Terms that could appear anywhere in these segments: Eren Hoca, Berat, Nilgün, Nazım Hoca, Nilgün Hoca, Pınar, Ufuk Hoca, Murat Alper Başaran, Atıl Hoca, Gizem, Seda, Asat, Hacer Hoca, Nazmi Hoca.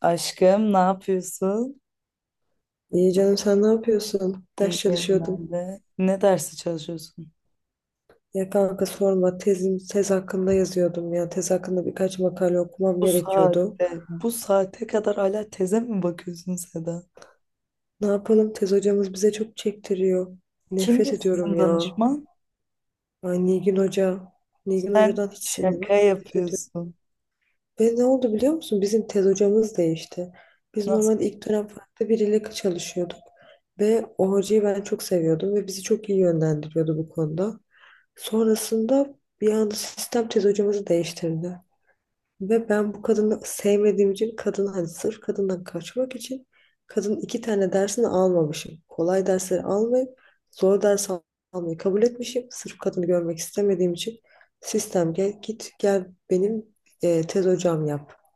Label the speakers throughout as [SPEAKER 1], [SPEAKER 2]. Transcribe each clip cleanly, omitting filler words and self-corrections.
[SPEAKER 1] Aşkım, ne yapıyorsun?
[SPEAKER 2] İyi canım sen ne yapıyorsun? Ders
[SPEAKER 1] İyiyim
[SPEAKER 2] çalışıyordum.
[SPEAKER 1] ben de. Ne dersi çalışıyorsun?
[SPEAKER 2] Ya kanka sorma, tez hakkında yazıyordum ya. Tez hakkında birkaç makale okumam
[SPEAKER 1] Bu
[SPEAKER 2] gerekiyordu.
[SPEAKER 1] saatte, bu saate kadar hala teze mi bakıyorsun Seda?
[SPEAKER 2] Ne yapalım, tez hocamız bize çok çektiriyor.
[SPEAKER 1] Kimdi
[SPEAKER 2] Nefret ediyorum
[SPEAKER 1] sizin
[SPEAKER 2] ya.
[SPEAKER 1] danışman?
[SPEAKER 2] Ay, Nilgün Hoca. Nilgün
[SPEAKER 1] Sen
[SPEAKER 2] Hoca'dan hiç sinir var.
[SPEAKER 1] şaka
[SPEAKER 2] Nefret ediyorum.
[SPEAKER 1] yapıyorsun.
[SPEAKER 2] Ve ne oldu biliyor musun? Bizim tez hocamız değişti. Biz
[SPEAKER 1] Nasıl?
[SPEAKER 2] normalde ilk dönem farklı biriyle çalışıyorduk. Ve o hocayı ben çok seviyordum ve bizi çok iyi yönlendiriyordu bu konuda. Sonrasında bir anda sistem tez hocamızı değiştirdi. Ve ben bu kadını sevmediğim için, kadını hani sırf kadından kaçmak için kadının 2 tane dersini almamışım. Kolay dersleri almayıp zor ders almayı kabul etmişim. Sırf kadını görmek istemediğim için sistem gel git gel, benim tez hocam yap.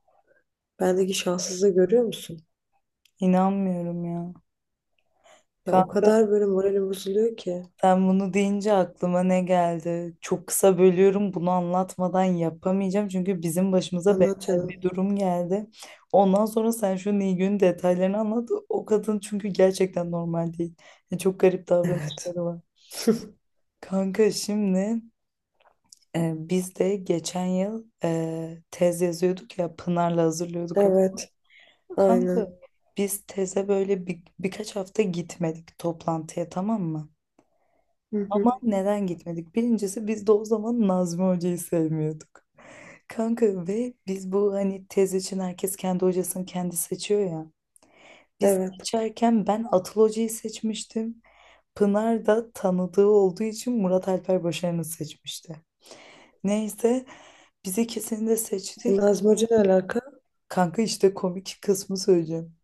[SPEAKER 2] Bendeki şanssızlığı görüyor musun?
[SPEAKER 1] İnanmıyorum ya.
[SPEAKER 2] Ya, o
[SPEAKER 1] Kanka,
[SPEAKER 2] kadar böyle moralim bozuluyor ki.
[SPEAKER 1] sen bunu deyince aklıma ne geldi? Çok kısa bölüyorum. Bunu anlatmadan yapamayacağım. Çünkü bizim başımıza
[SPEAKER 2] Anlat
[SPEAKER 1] benzer bir
[SPEAKER 2] canım.
[SPEAKER 1] durum geldi. Ondan sonra sen şu Nilgün'ün detaylarını anlat. O kadın çünkü gerçekten normal değil. Yani çok garip
[SPEAKER 2] Evet.
[SPEAKER 1] davranışları var. Kanka, şimdi, biz de geçen yıl tez yazıyorduk ya, Pınar'la hazırlıyorduk.
[SPEAKER 2] Evet.
[SPEAKER 1] Kanka,
[SPEAKER 2] Aynen.
[SPEAKER 1] biz teze böyle birkaç hafta gitmedik toplantıya, tamam mı?
[SPEAKER 2] Hı
[SPEAKER 1] Ama
[SPEAKER 2] hı.
[SPEAKER 1] neden gitmedik? Birincisi biz de o zaman Nazmi Hoca'yı sevmiyorduk. Kanka, ve biz bu hani tez için herkes kendi hocasını kendi seçiyor ya. Biz
[SPEAKER 2] Evet.
[SPEAKER 1] seçerken ben Atıl Hoca'yı seçmiştim. Pınar da tanıdığı olduğu için Murat Alper Başaran'ı seçmişti. Neyse, biz ikisini de
[SPEAKER 2] E,
[SPEAKER 1] seçtik.
[SPEAKER 2] Nazım Hoca ne alaka?
[SPEAKER 1] Kanka, işte komik kısmı söyleyeceğim.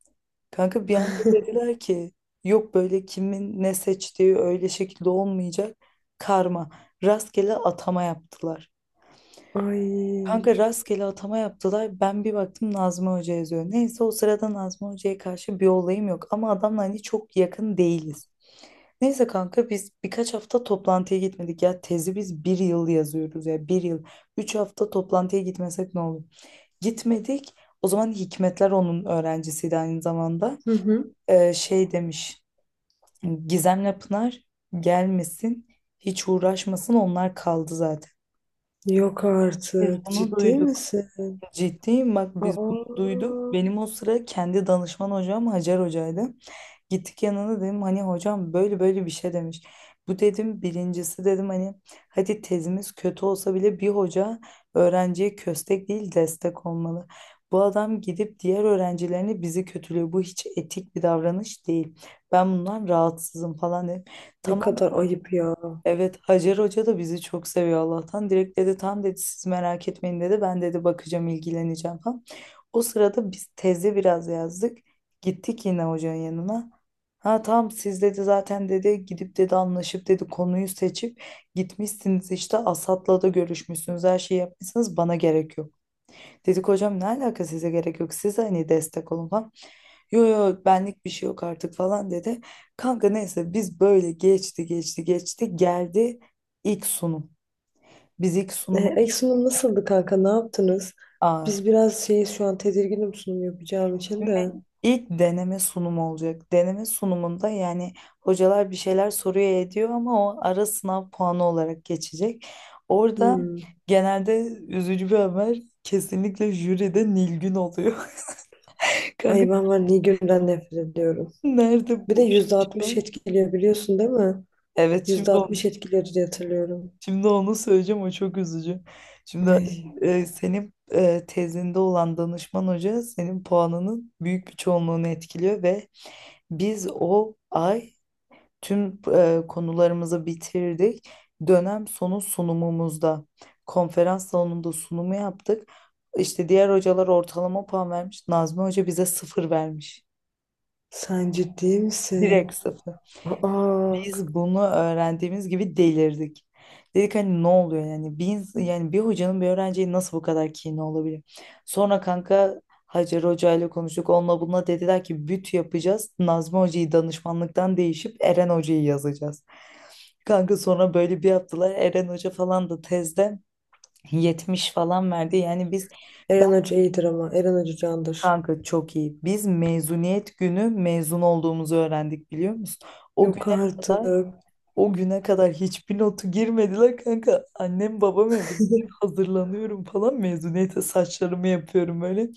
[SPEAKER 1] Kanka, bir anda dediler ki yok böyle, kimin ne seçtiği öyle şekilde olmayacak. Karma. Rastgele atama yaptılar.
[SPEAKER 2] Ay.
[SPEAKER 1] Kanka, rastgele atama yaptılar. Ben bir baktım, Nazmi Hoca yazıyor. Neyse, o sırada Nazmi Hoca'ya karşı bir olayım yok. Ama adamla hani çok yakın değiliz. Neyse kanka, biz birkaç hafta toplantıya gitmedik ya. Tezi biz bir yıl yazıyoruz ya, bir yıl. 3 hafta toplantıya gitmesek ne olur? Gitmedik. O zaman Hikmetler onun öğrencisiydi aynı zamanda.
[SPEAKER 2] Hı hı.
[SPEAKER 1] Şey demiş. Gizem'le Pınar gelmesin. Hiç uğraşmasın, onlar kaldı zaten.
[SPEAKER 2] Yok
[SPEAKER 1] Biz
[SPEAKER 2] artık.
[SPEAKER 1] bunu
[SPEAKER 2] Ciddi
[SPEAKER 1] duyduk.
[SPEAKER 2] misin?
[SPEAKER 1] Ciddiyim, bak biz bunu duyduk.
[SPEAKER 2] Aa,
[SPEAKER 1] Benim o sıra kendi danışman hocam Hacer hocaydı. Gittik yanına, dedim hani hocam böyle böyle bir şey demiş. Bu, dedim, birincisi, dedim, hani hadi tezimiz kötü olsa bile bir hoca öğrenciye köstek değil destek olmalı. Bu adam gidip diğer öğrencilerini bizi kötülüyor. Bu hiç etik bir davranış değil. Ben bundan rahatsızım falan dedim.
[SPEAKER 2] ne
[SPEAKER 1] Tamam.
[SPEAKER 2] kadar ayıp ya.
[SPEAKER 1] Evet, Hacer Hoca da bizi çok seviyor Allah'tan. Direkt dedi, tam dedi siz merak etmeyin dedi. Ben, dedi, bakacağım ilgileneceğim falan. O sırada biz teze biraz yazdık. Gittik yine hocanın yanına. Ha tamam, siz, dedi, zaten, dedi, gidip, dedi, anlaşıp, dedi, konuyu seçip gitmişsiniz, işte Asat'la da görüşmüşsünüz, her şeyi yapmışsınız, bana gerek yok. Dedik hocam ne alaka, size gerek yok, siz hani destek olun falan. Yo yo, benlik bir şey yok artık falan dedi. Kanka neyse, biz böyle geçti geçti geçti geldi ilk sunum. Biz ilk sunuma.
[SPEAKER 2] E, ilk sunum nasıldı kanka? Ne yaptınız?
[SPEAKER 1] Aa,
[SPEAKER 2] Biz biraz şeyiz, şu an tedirginim sunum yapacağım için de.
[SPEAKER 1] ilk deneme sunumu olacak. Deneme sunumunda yani hocalar bir şeyler soruyor ediyor ama o ara sınav puanı olarak geçecek. Orada
[SPEAKER 2] Hmm.
[SPEAKER 1] genelde üzücü bir haber, kesinlikle jüride Nilgün oluyor. Kanka,
[SPEAKER 2] Ay, ben var Nilgün'den nefret ediyorum.
[SPEAKER 1] nerede
[SPEAKER 2] Bir de
[SPEAKER 1] bu
[SPEAKER 2] yüzde
[SPEAKER 1] iş ya?
[SPEAKER 2] altmış etkiliyor, biliyorsun değil mi?
[SPEAKER 1] Evet. şimdi
[SPEAKER 2] %60 etkileri diye hatırlıyorum.
[SPEAKER 1] Şimdi onu söyleyeceğim, o çok üzücü. Şimdi,
[SPEAKER 2] Ay,
[SPEAKER 1] senin, tezinde olan danışman hoca senin puanının büyük bir çoğunluğunu etkiliyor ve biz o ay tüm konularımızı bitirdik. Dönem sonu sunumumuzda konferans salonunda sunumu yaptık. İşte diğer hocalar ortalama puan vermiş, Nazmi Hoca bize sıfır vermiş.
[SPEAKER 2] sen ciddi misin?
[SPEAKER 1] Direkt sıfır.
[SPEAKER 2] Aa,
[SPEAKER 1] Biz bunu öğrendiğimiz gibi delirdik. Dedik hani ne oluyor, yani yani bir hocanın bir öğrenciye nasıl bu kadar kini olabilir? Sonra kanka Hacer Hoca ile konuştuk. Onunla bununla dediler ki büt yapacağız, Nazmi Hoca'yı danışmanlıktan değişip Eren Hoca'yı yazacağız. Kanka, sonra böyle bir yaptılar. Eren Hoca falan da tezde 70 falan verdi. Yani biz,
[SPEAKER 2] Eren Hoca iyidir, ama Eren Hoca candır.
[SPEAKER 1] kanka, çok iyi. Biz mezuniyet günü mezun olduğumuzu öğrendik, biliyor musun? O güne
[SPEAKER 2] Yok artık.
[SPEAKER 1] kadar O güne kadar hiçbir notu girmediler kanka. Annem babam evde. Ben hazırlanıyorum falan, mezuniyete saçlarımı yapıyorum böyle.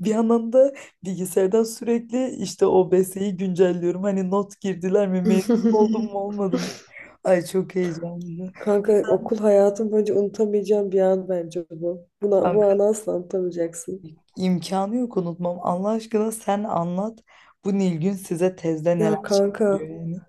[SPEAKER 1] Bir yandan da bilgisayardan sürekli işte o OBS'yi güncelliyorum. Hani not girdiler mi, mezun oldum mu olmadım mı? Ay, çok heyecanlıydı.
[SPEAKER 2] Kanka, okul hayatım boyunca unutamayacağım bir an bence bu. Bu
[SPEAKER 1] Kanka,
[SPEAKER 2] anı asla unutamayacaksın.
[SPEAKER 1] imkanı yok unutmam. Allah aşkına sen anlat. Bu Nilgün size tezde neler
[SPEAKER 2] Ya
[SPEAKER 1] çektiriyor
[SPEAKER 2] kanka,
[SPEAKER 1] yani.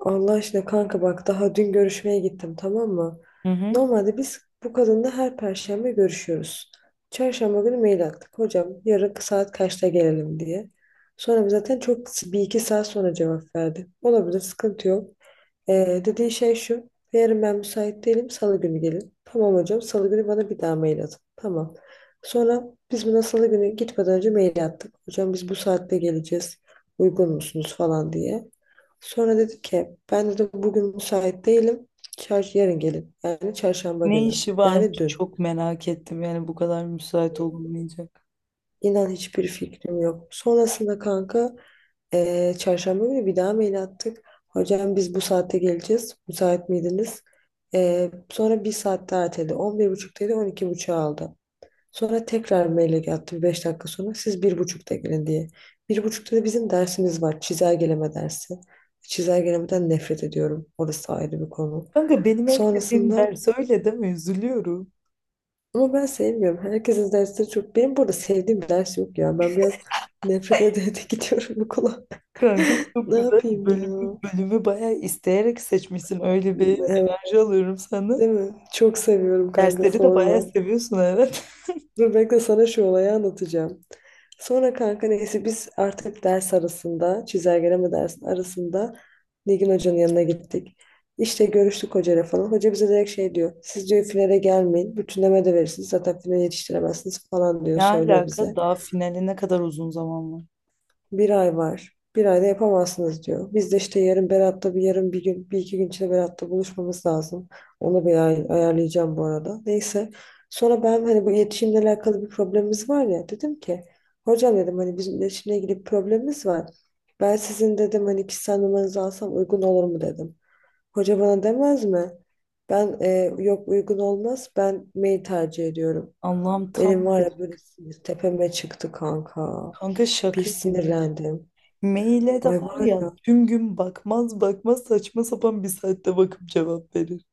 [SPEAKER 2] Allah aşkına kanka, bak daha dün görüşmeye gittim, tamam mı?
[SPEAKER 1] Hı hı.
[SPEAKER 2] Normalde biz bu kadınla her perşembe görüşüyoruz. Çarşamba günü mail attık. Hocam, yarın saat kaçta gelelim diye. Sonra zaten çok, bir iki saat sonra cevap verdi. Olabilir, sıkıntı yok. Dediği şey şu. Yarın ben müsait değilim, salı günü gelin. Tamam hocam. Salı günü bana bir daha mail atın. Tamam. Sonra biz buna salı günü gitmeden önce mail attık. Hocam, biz bu saatte geleceğiz. Uygun musunuz falan diye. Sonra dedi ki, ben de bugün müsait değilim. Çar, yarın gelin. Yani çarşamba
[SPEAKER 1] Ne
[SPEAKER 2] günü.
[SPEAKER 1] işi
[SPEAKER 2] Yani
[SPEAKER 1] varmış,
[SPEAKER 2] dün.
[SPEAKER 1] çok merak ettim yani, bu kadar müsait olunmayacak.
[SPEAKER 2] İnan, hiçbir fikrim yok. Sonrasında kanka, çarşamba günü bir daha mail attık. Hocam, biz bu saatte geleceğiz. Müsait miydiniz? Sonra bir saat daha erteledi. 11.30'daydı, on iki 12.30'a aldı. Sonra tekrar mail attı bir 5 dakika sonra. Siz 1.30'da gelin diye. 1.30'da da bizim dersimiz var. Çizelgeleme dersi. Çizelgelemeden nefret ediyorum. Orası ayrı bir konu.
[SPEAKER 1] Kanka, benim en sevdiğim
[SPEAKER 2] Sonrasında,
[SPEAKER 1] ders, öyle deme, üzülüyorum.
[SPEAKER 2] ama ben sevmiyorum. Herkesin dersleri çok. Benim burada sevdiğim bir ders yok ya. Ben biraz nefret ede ede gidiyorum okula.
[SPEAKER 1] Kanka, çok
[SPEAKER 2] Ne
[SPEAKER 1] güzel
[SPEAKER 2] yapayım
[SPEAKER 1] bölümü,
[SPEAKER 2] ya?
[SPEAKER 1] bölümü bayağı isteyerek seçmişsin. Öyle bir
[SPEAKER 2] Evet,
[SPEAKER 1] enerji alıyorum sana.
[SPEAKER 2] değil mi? Çok seviyorum kanka,
[SPEAKER 1] Dersleri de bayağı
[SPEAKER 2] sorma.
[SPEAKER 1] seviyorsun, evet.
[SPEAKER 2] Dur bekle, sana şu olayı anlatacağım. Sonra kanka neyse, biz artık ders arasında, çizelgeleme dersi arasında Nilgün Hoca'nın yanına gittik. İşte görüştük hocayla falan. Hoca bize direkt şey diyor. Siz diyor, finale gelmeyin. Bütünleme de verirsiniz. Zaten finale yetiştiremezsiniz falan diyor.
[SPEAKER 1] Ne
[SPEAKER 2] Söylüyor
[SPEAKER 1] alaka,
[SPEAKER 2] bize.
[SPEAKER 1] daha finale ne kadar uzun zaman var.
[SPEAKER 2] Bir ay var. Bir ayda yapamazsınız diyor. Biz de işte yarın Berat'ta bir, yarın bir gün, bir iki gün içinde Berat'ta buluşmamız lazım. Onu bir ayarlayacağım bu arada. Neyse. Sonra ben, hani bu iletişimle alakalı bir problemimiz var ya, dedim ki, hocam dedim, hani bizim iletişimle ilgili bir problemimiz var. Ben sizin dedim, hani kişisel numaranızı alsam uygun olur mu, dedim. Hoca bana demez mi? Ben yok uygun olmaz, ben mail tercih ediyorum.
[SPEAKER 1] Allah'ım,
[SPEAKER 2] Benim
[SPEAKER 1] tam
[SPEAKER 2] var
[SPEAKER 1] bir,
[SPEAKER 2] ya, böyle sinir tepeme çıktı kanka.
[SPEAKER 1] kanka,
[SPEAKER 2] Bir
[SPEAKER 1] şaka gibi.
[SPEAKER 2] sinirlendim.
[SPEAKER 1] Maile de
[SPEAKER 2] Ay
[SPEAKER 1] var
[SPEAKER 2] var ya.
[SPEAKER 1] ya, tüm gün bakmaz bakmaz, saçma sapan bir saatte bakıp cevap verir.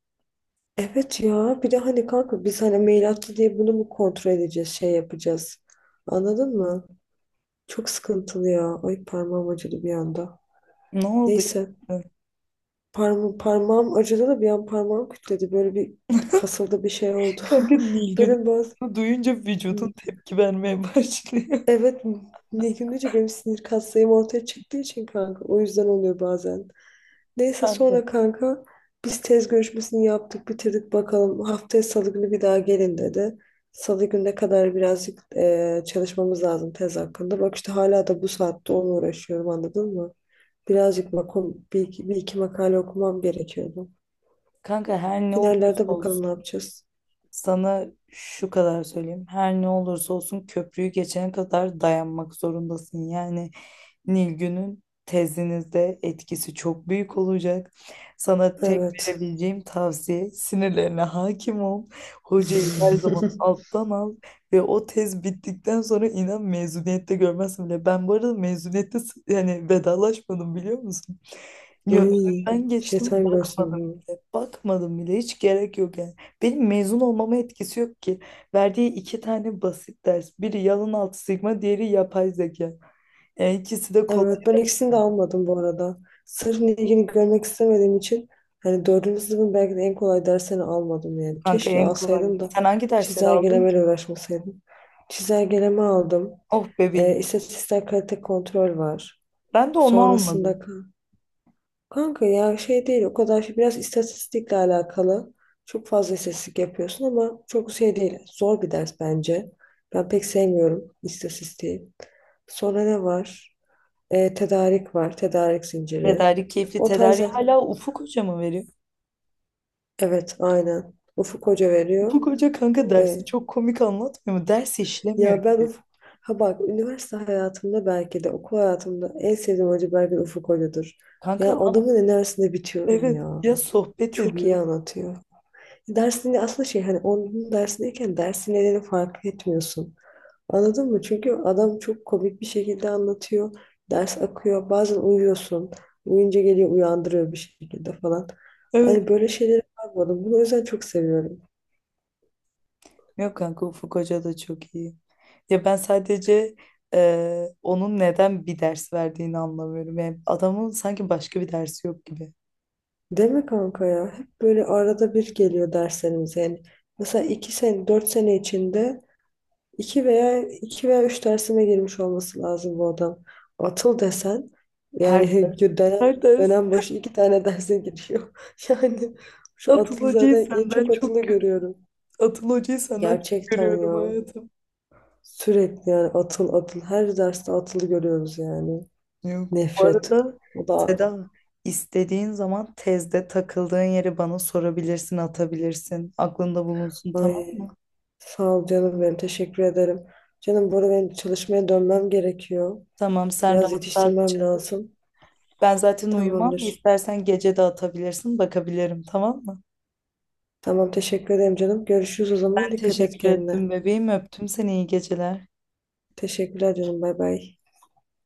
[SPEAKER 2] Evet ya, bir de hani kanka, biz hani mail attı diye bunu mu kontrol edeceğiz, şey yapacağız. Anladın mı? Çok sıkıntılı ya. Ay, parmağım acıdı bir anda.
[SPEAKER 1] Ne oldu
[SPEAKER 2] Neyse,
[SPEAKER 1] ya?
[SPEAKER 2] parmağım acıdı da bir an, parmağım kütledi. Böyle bir kasıldı, bir şey oldu.
[SPEAKER 1] Kanka, Nilgün'ü
[SPEAKER 2] Böyle bazı,
[SPEAKER 1] duyunca vücudun tepki vermeye başlıyor.
[SPEAKER 2] evet, ne günlüce benim sinir kaslarım ortaya çıktığı için kanka. O yüzden oluyor bazen. Neyse
[SPEAKER 1] Kanka
[SPEAKER 2] sonra kanka, biz tez görüşmesini yaptık bitirdik, bakalım. Haftaya salı günü bir daha gelin dedi. Salı gününe kadar birazcık çalışmamız lazım tez hakkında. Bak işte hala da bu saatte onunla uğraşıyorum, anladın mı? Birazcık bir iki makale okumam gerekiyordu.
[SPEAKER 1] Kanka, her ne olursa
[SPEAKER 2] Finallerde bakalım
[SPEAKER 1] olsun
[SPEAKER 2] ne yapacağız.
[SPEAKER 1] sana şu kadar söyleyeyim. Her ne olursa olsun köprüyü geçene kadar dayanmak zorundasın. Yani Nilgün'ün tezinizde etkisi çok büyük olacak. Sana tek
[SPEAKER 2] Evet.
[SPEAKER 1] verebileceğim tavsiye, sinirlerine hakim ol. Hocayı her zaman alttan al ve o tez bittikten sonra inan mezuniyette görmezsin bile. Ben bu arada mezuniyette yani vedalaşmadım, biliyor musun? Yo,
[SPEAKER 2] Ay,
[SPEAKER 1] ben geçtim
[SPEAKER 2] şeytan görsün
[SPEAKER 1] bakmadım
[SPEAKER 2] bunu.
[SPEAKER 1] bile. Bakmadım bile, hiç gerek yok yani. Benim mezun olmama etkisi yok ki. Verdiği iki tane basit ders. Biri yalın altı sigma, diğeri yapay zeka. Yani ikisi de kolay
[SPEAKER 2] Evet, ben
[SPEAKER 1] ders
[SPEAKER 2] ikisini de almadım bu arada. Sırf ilgini görmek istemediğim için, hani dördüncü sınıfın belki de en kolay dersini almadım yani.
[SPEAKER 1] kanka,
[SPEAKER 2] Keşke
[SPEAKER 1] en kolay.
[SPEAKER 2] alsaydım da
[SPEAKER 1] Sen hangi dersleri aldın ki?
[SPEAKER 2] çizelgelemeyle uğraşmasaydım. Çizelgeleme aldım.
[SPEAKER 1] Oh, bebeğim.
[SPEAKER 2] E, istatistiksel kalite kontrol var.
[SPEAKER 1] Ben de onu almadım.
[SPEAKER 2] Sonrasında kanka ya, şey değil, o kadar şey, biraz istatistikle alakalı. Çok fazla istatistik yapıyorsun ama çok şey değil. Zor bir ders bence. Ben pek sevmiyorum istatistiği. Sonra ne var? Tedarik var, tedarik zinciri.
[SPEAKER 1] Tedarik keyifli,
[SPEAKER 2] O
[SPEAKER 1] tedarik
[SPEAKER 2] tarzda,
[SPEAKER 1] hala Ufuk Hoca mı veriyor?
[SPEAKER 2] evet aynen. Ufuk Hoca veriyor.
[SPEAKER 1] Ufuk Hoca kanka
[SPEAKER 2] E,
[SPEAKER 1] dersi çok komik anlatmıyor mu? Ders işlemiyor.
[SPEAKER 2] ya ben ha bak, üniversite hayatımda, belki de okul hayatımda en sevdiğim hoca belki de Ufuk Hoca'dır.
[SPEAKER 1] Kanka
[SPEAKER 2] Ya,
[SPEAKER 1] adam,
[SPEAKER 2] adamın enerjisinde bitiyorum
[SPEAKER 1] evet
[SPEAKER 2] ya.
[SPEAKER 1] ya, sohbet
[SPEAKER 2] Çok iyi
[SPEAKER 1] ediyor.
[SPEAKER 2] anlatıyor. Dersini aslında şey, hani onun dersindeyken dersin nedeni fark etmiyorsun. Anladın mı? Çünkü adam çok komik bir şekilde anlatıyor. Ders akıyor. Bazen uyuyorsun. Uyuyunca geliyor, uyandırıyor bir şekilde falan.
[SPEAKER 1] Evet.
[SPEAKER 2] Hani böyle şeyleri yapmadım. Bunu o yüzden çok seviyorum.
[SPEAKER 1] Yok kanka, Ufuk Hoca da çok iyi. Ya ben sadece onun neden bir ders verdiğini anlamıyorum. Yani adamın sanki başka bir dersi yok gibi.
[SPEAKER 2] Deme kanka ya. Hep böyle arada bir geliyor derslerimize. Yani mesela 2 sene, 4 sene içinde iki veya üç dersime girmiş olması lazım bu adam. Atıl desen
[SPEAKER 1] Her
[SPEAKER 2] yani
[SPEAKER 1] ders, her ders,
[SPEAKER 2] dönem başı 2 tane derse giriyor. Yani şu
[SPEAKER 1] Atıl
[SPEAKER 2] Atıl,
[SPEAKER 1] Hoca'yı
[SPEAKER 2] zaten en çok
[SPEAKER 1] senden
[SPEAKER 2] Atılı
[SPEAKER 1] çok görüyorum.
[SPEAKER 2] görüyorum.
[SPEAKER 1] Atıl Hoca'yı senden çok
[SPEAKER 2] Gerçekten
[SPEAKER 1] görüyorum,
[SPEAKER 2] ya.
[SPEAKER 1] hayatım.
[SPEAKER 2] Sürekli yani, Atıl Atıl. Her derste Atılı görüyoruz yani.
[SPEAKER 1] Yok. Bu
[SPEAKER 2] Nefret.
[SPEAKER 1] arada
[SPEAKER 2] O da,
[SPEAKER 1] Seda, istediğin zaman tezde takıldığın yeri bana sorabilirsin, atabilirsin. Aklında bulunsun, tamam
[SPEAKER 2] ay,
[SPEAKER 1] mı?
[SPEAKER 2] sağ ol canım benim. Teşekkür ederim. Canım, bu arada benim çalışmaya dönmem gerekiyor.
[SPEAKER 1] Tamam, sen
[SPEAKER 2] Biraz
[SPEAKER 1] rahat rahat
[SPEAKER 2] yetiştirmem
[SPEAKER 1] çalış.
[SPEAKER 2] lazım.
[SPEAKER 1] Ben zaten uyumam.
[SPEAKER 2] Tamamdır.
[SPEAKER 1] İstersen gece de atabilirsin, bakabilirim, tamam mı?
[SPEAKER 2] Tamam, teşekkür ederim canım. Görüşürüz o
[SPEAKER 1] Ben
[SPEAKER 2] zaman. Dikkat et
[SPEAKER 1] teşekkür
[SPEAKER 2] kendine.
[SPEAKER 1] ettim bebeğim. Öptüm seni. İyi geceler.
[SPEAKER 2] Teşekkürler canım. Bay bay.